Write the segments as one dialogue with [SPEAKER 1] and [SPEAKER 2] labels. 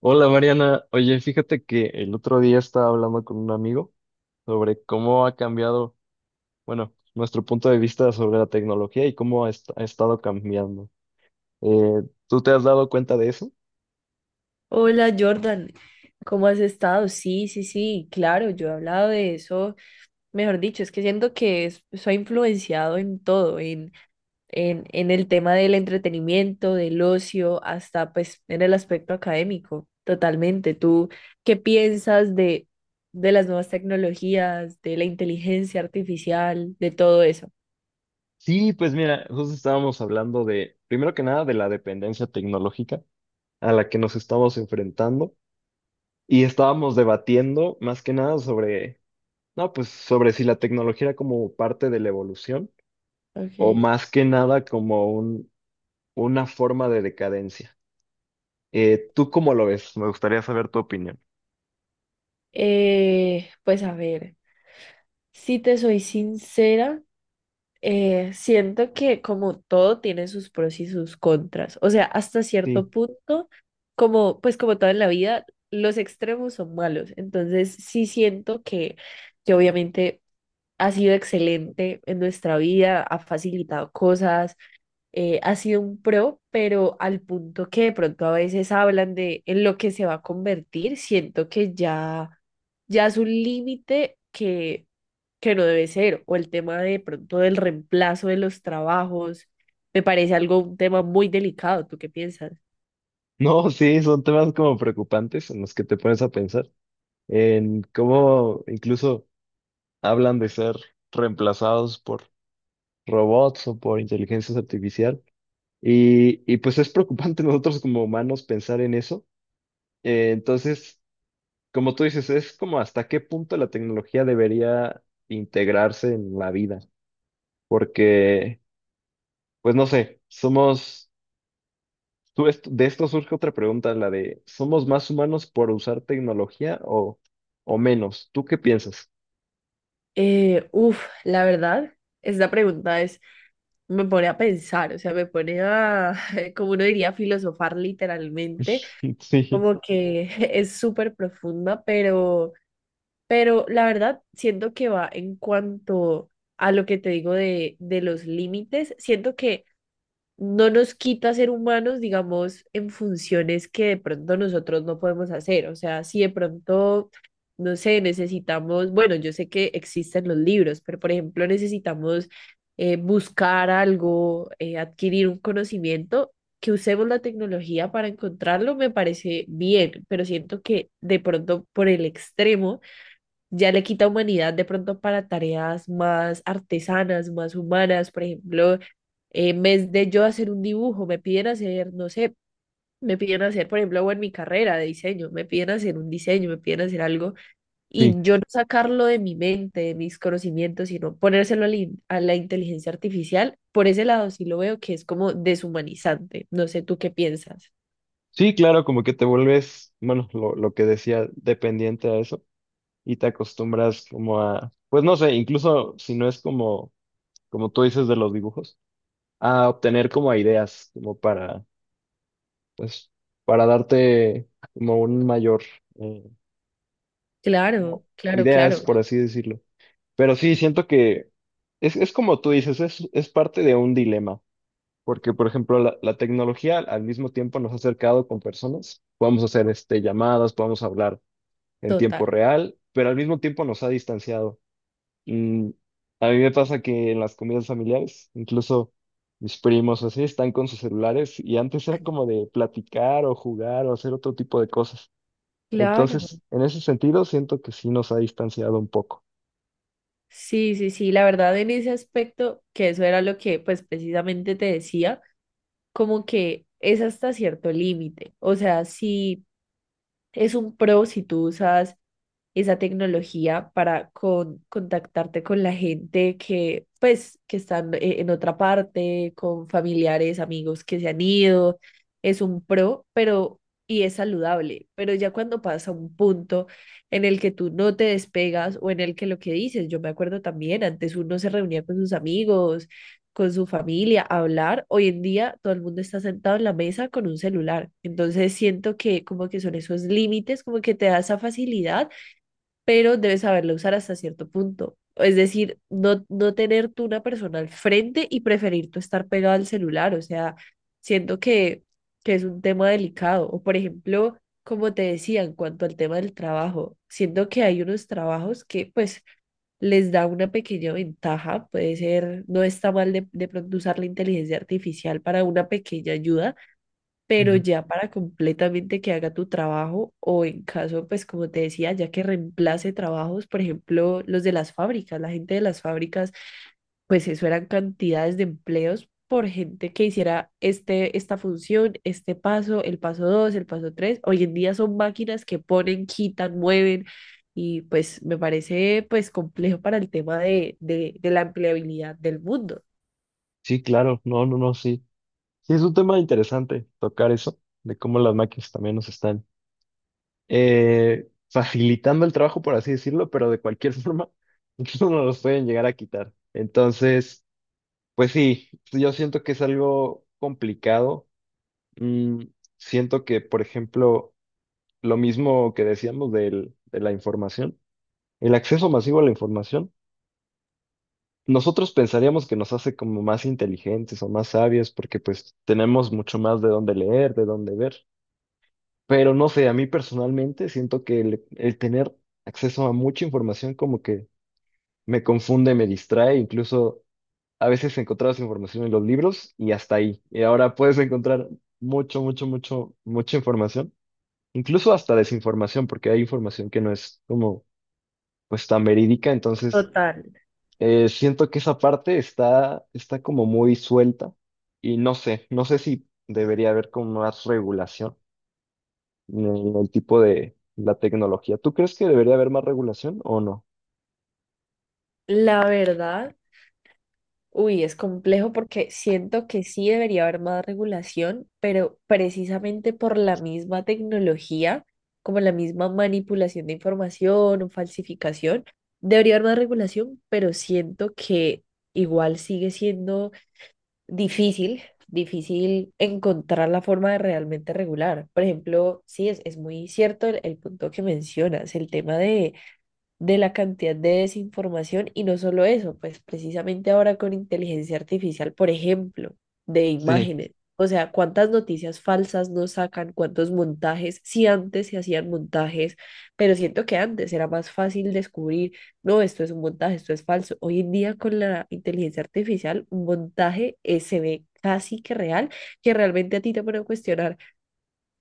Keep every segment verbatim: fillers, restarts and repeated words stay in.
[SPEAKER 1] Hola Mariana, oye, fíjate que el otro día estaba hablando con un amigo sobre cómo ha cambiado, bueno, nuestro punto de vista sobre la tecnología y cómo ha, est- ha estado cambiando. Eh, ¿tú te has dado cuenta de eso?
[SPEAKER 2] Hola Jordan, ¿cómo has estado? Sí, sí, sí, claro, yo he hablado de eso, mejor dicho, es que siento que es- soy influenciado en todo, en, en, en el tema del entretenimiento, del ocio, hasta pues en el aspecto académico, totalmente. ¿Tú qué piensas de, de las nuevas tecnologías, de la inteligencia artificial, de todo eso?
[SPEAKER 1] Sí, pues mira, justo estábamos hablando de, primero que nada, de la dependencia tecnológica a la que nos estamos enfrentando y estábamos debatiendo más que nada sobre, no, pues sobre si la tecnología era como parte de la evolución o
[SPEAKER 2] Ok.
[SPEAKER 1] más que nada como un, una forma de decadencia. Eh, ¿tú cómo lo ves? Me gustaría saber tu opinión.
[SPEAKER 2] Eh, pues a ver, si te soy sincera. Eh, siento que como todo tiene sus pros y sus contras. O sea, hasta
[SPEAKER 1] Sí.
[SPEAKER 2] cierto punto, como pues como todo en la vida, los extremos son malos. Entonces, sí siento que, que obviamente ha sido excelente en nuestra vida, ha facilitado cosas, eh, ha sido un pro, pero al punto que de pronto a veces hablan de en lo que se va a convertir, siento que ya, ya es un límite que, que no debe ser, o el tema de pronto del reemplazo de los trabajos, me parece algo, un tema muy delicado. ¿Tú qué piensas?
[SPEAKER 1] No, sí, son temas como preocupantes en los que te pones a pensar, en cómo incluso hablan de ser reemplazados por robots o por inteligencia artificial. Y, y pues es preocupante nosotros como humanos pensar en eso. Eh, entonces, como tú dices, es como hasta qué punto la tecnología debería integrarse en la vida, porque, pues no sé, somos... Tú est- de esto surge otra pregunta, la de, ¿somos más humanos por usar tecnología o, o menos? ¿Tú qué piensas?
[SPEAKER 2] Eh, uf, la verdad, esta pregunta es, me pone a pensar, o sea, me pone a, como uno diría, filosofar literalmente,
[SPEAKER 1] Sí,
[SPEAKER 2] como que es súper profunda. Pero Pero la verdad, siento que va en cuanto a lo que te digo de, de los límites, siento que no nos quita ser humanos, digamos, en funciones que de pronto nosotros no podemos hacer. O sea, si de pronto, no sé, necesitamos, bueno, yo sé que existen los libros, pero por ejemplo, necesitamos eh, buscar algo, eh, adquirir un conocimiento. Que usemos la tecnología para encontrarlo me parece bien, pero siento que de pronto por el extremo ya le quita humanidad de pronto para tareas más artesanas, más humanas. Por ejemplo, en vez de yo hacer un dibujo, me piden hacer, no sé, me piden hacer, por ejemplo, o en mi carrera de diseño, me piden hacer un diseño, me piden hacer algo, y
[SPEAKER 1] sí.
[SPEAKER 2] yo no sacarlo de mi mente, de mis conocimientos, sino ponérselo a la, in- a la inteligencia artificial. Por ese lado sí lo veo que es como deshumanizante. No sé, ¿tú qué piensas?
[SPEAKER 1] Sí, claro, como que te vuelves, bueno, lo, lo que decía, dependiente a eso y te acostumbras como a, pues no sé, incluso si no es como, como tú dices de los dibujos, a obtener como ideas, como para, pues, para darte como un mayor, eh, como
[SPEAKER 2] Claro, claro,
[SPEAKER 1] ideas,
[SPEAKER 2] claro,
[SPEAKER 1] por así decirlo. Pero sí, siento que es, es como tú dices, es, es parte de un dilema, porque por ejemplo la, la tecnología al mismo tiempo nos ha acercado con personas, podemos hacer este, llamadas, podemos hablar en tiempo
[SPEAKER 2] total.
[SPEAKER 1] real, pero al mismo tiempo nos ha distanciado. Mm, a mí me pasa que en las comidas familiares, incluso mis primos o así están con sus celulares y antes era como de platicar o jugar o hacer otro tipo de cosas.
[SPEAKER 2] Claro.
[SPEAKER 1] Entonces, en ese sentido, siento que sí nos ha distanciado un poco.
[SPEAKER 2] Sí, sí, sí, la verdad en ese aspecto, que eso era lo que pues precisamente te decía, como que es hasta cierto límite. O sea, si es un pro si tú usas esa tecnología para con- contactarte con la gente que, pues, que están eh, en otra parte, con familiares, amigos que se han ido. Es un pro, pero, y es saludable. Pero ya cuando pasa un punto en el que tú no te despegas o en el que lo que dices, yo me acuerdo también, antes uno se reunía con sus amigos, con su familia, a hablar. Hoy en día todo el mundo está sentado en la mesa con un celular. Entonces siento que como que son esos límites, como que te da esa facilidad, pero debes saberlo usar hasta cierto punto. Es decir, no, no tener tú una persona al frente y preferir tú estar pegado al celular. O sea, siento que, que es un tema delicado. O por ejemplo, como te decía, en cuanto al tema del trabajo, siento que hay unos trabajos que pues les da una pequeña ventaja, puede ser, no está mal de, de pronto usar la inteligencia artificial para una pequeña ayuda, pero
[SPEAKER 1] Ujú.
[SPEAKER 2] ya para completamente que haga tu trabajo o en caso, pues como te decía, ya que reemplace trabajos, por ejemplo, los de las fábricas, la gente de las fábricas, pues eso eran cantidades de empleos por gente que hiciera este, esta función, este paso, el paso dos, el paso tres. Hoy en día son máquinas que ponen, quitan, mueven, y pues me parece pues complejo para el tema de, de, de la empleabilidad del mundo.
[SPEAKER 1] Sí, claro, no, no, no, sí. Sí, es un tema interesante tocar eso, de cómo las máquinas también nos están eh, facilitando el trabajo, por así decirlo, pero de cualquier forma, incluso nos los pueden llegar a quitar. Entonces, pues sí, yo siento que es algo complicado. Mm, siento que, por ejemplo, lo mismo que decíamos del- de la información, el acceso masivo a la información, nosotros pensaríamos que nos hace como más inteligentes o más sabios, porque pues tenemos mucho más de dónde leer, de dónde ver. Pero no sé, a mí personalmente siento que el, el tener acceso a mucha información como que me confunde, me distrae, incluso a veces encontrabas información en los libros y hasta ahí. Y ahora puedes encontrar mucho, mucho, mucho, mucha información, incluso hasta desinformación, porque hay información que no es como pues tan verídica, entonces
[SPEAKER 2] Total.
[SPEAKER 1] eh, siento que esa parte está, está como muy suelta y no sé, no sé si debería haber como más regulación en el tipo de la tecnología. ¿Tú crees que debería haber más regulación o no?
[SPEAKER 2] La verdad. Uy, es complejo porque siento que sí debería haber más regulación, pero precisamente por la misma tecnología, como la misma manipulación de información o falsificación, debería haber más regulación, pero siento que igual sigue siendo difícil, difícil encontrar la forma de realmente regular. Por ejemplo, sí, es, es muy cierto el el punto que mencionas, el tema de de la cantidad de desinformación, y no solo eso, pues precisamente ahora con inteligencia artificial, por ejemplo, de
[SPEAKER 1] Sí,
[SPEAKER 2] imágenes. O sea, cuántas noticias falsas nos sacan, cuántos montajes, si antes se hacían montajes, pero siento que antes era más fácil descubrir, no, esto es un montaje, esto es falso. Hoy en día con la inteligencia artificial, un montaje eh, se ve casi que real, que realmente a ti te pone a cuestionar,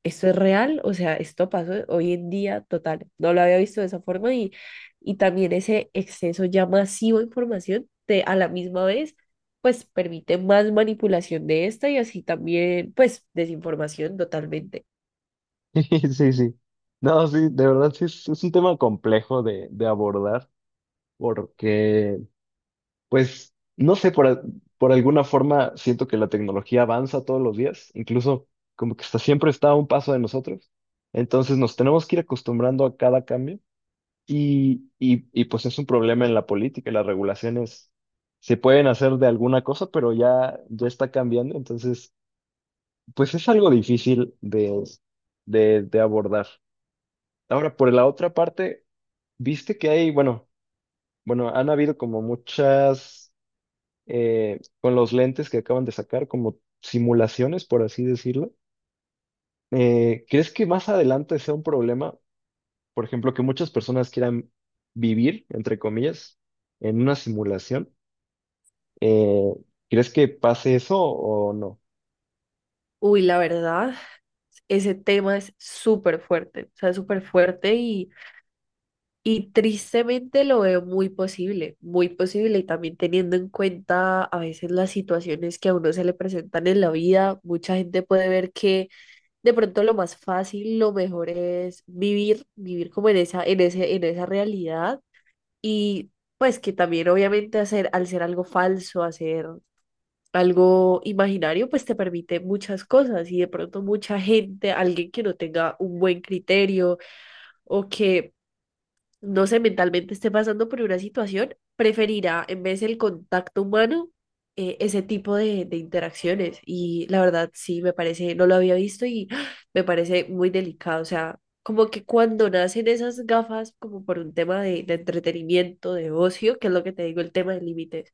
[SPEAKER 2] esto es real, o sea, esto pasó hoy en día, total. No lo había visto de esa forma, y, y también ese exceso ya masivo de información te, a la misma vez, pues permite más manipulación de esta, y así también, pues, desinformación, totalmente.
[SPEAKER 1] sí, sí. No, sí, de verdad sí es, es un tema complejo de, de abordar porque, pues, no sé, por, al- por alguna forma siento que la tecnología avanza todos los días, incluso como que está, siempre está a un paso de nosotros. Entonces nos tenemos que ir acostumbrando a cada cambio. Y, y, y pues es un problema en la política, las regulaciones se pueden hacer de alguna cosa, pero ya, ya está cambiando, entonces pues es algo difícil de, de, de abordar. Ahora, por la otra parte, viste que hay, bueno, bueno, han habido como muchas, eh, con los lentes que acaban de sacar, como simulaciones, por así decirlo. Eh, ¿crees que más adelante sea un problema, por ejemplo, que muchas personas quieran vivir, entre comillas, en una simulación? Eh, ¿Crees que pase eso o no?
[SPEAKER 2] Uy, la verdad, ese tema es súper fuerte, o sea, súper fuerte. y Y tristemente lo veo muy posible, muy posible, y también teniendo en cuenta a veces las situaciones que a uno se le presentan en la vida, mucha gente puede ver que de pronto lo más fácil, lo mejor es vivir, vivir como en esa, en ese, en esa realidad, y pues que también obviamente hacer, al ser algo falso, hacer algo imaginario, pues te permite muchas cosas, y de pronto mucha gente, alguien que no tenga un buen criterio, o que no sé, mentalmente esté pasando por una situación, preferirá en vez del contacto humano eh, ese tipo de, de interacciones. Y la verdad, sí, me parece, no lo había visto y ¡ah! Me parece muy delicado. O sea, como que cuando nacen esas gafas, como por un tema de, de entretenimiento, de ocio, que es lo que te digo, el tema de límites,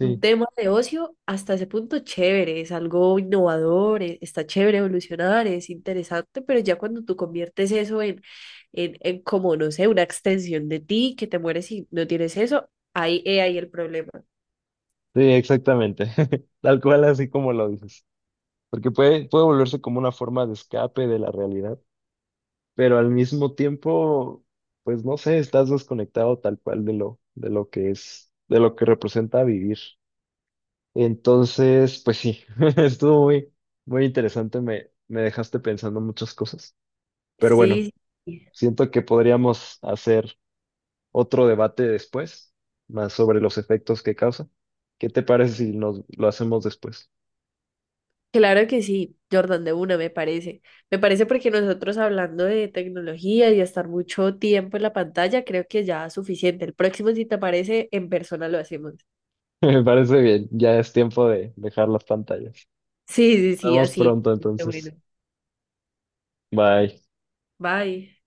[SPEAKER 2] un tema de ocio hasta ese punto, chévere, es algo innovador, e- está chévere evolucionar, es interesante, pero ya cuando tú conviertes eso en, en, en como, no sé, una extensión de ti, que te mueres y no tienes eso, ahí, he ahí el problema.
[SPEAKER 1] sí, exactamente. Tal cual, así como lo dices. Porque puede, puede volverse como una forma de escape de la realidad, pero al mismo tiempo, pues no sé, estás desconectado tal cual de lo, de lo que es, de lo que representa vivir. Entonces, pues sí, estuvo muy, muy interesante. Me, me dejaste pensando muchas cosas. Pero bueno,
[SPEAKER 2] Sí, sí,
[SPEAKER 1] siento que podríamos hacer otro debate después, más sobre los efectos que causa. ¿Qué te parece si nos lo hacemos después?
[SPEAKER 2] claro que sí, Jordan, de una me parece. Me parece porque nosotros hablando de tecnología y de estar mucho tiempo en la pantalla, creo que ya es suficiente. El próximo, si te parece, en persona lo hacemos.
[SPEAKER 1] Me parece bien, ya es tiempo de dejar las pantallas.
[SPEAKER 2] Sí, sí,
[SPEAKER 1] Nos
[SPEAKER 2] sí,
[SPEAKER 1] vemos
[SPEAKER 2] así
[SPEAKER 1] pronto
[SPEAKER 2] es. Bueno,
[SPEAKER 1] entonces. Bye.
[SPEAKER 2] bye.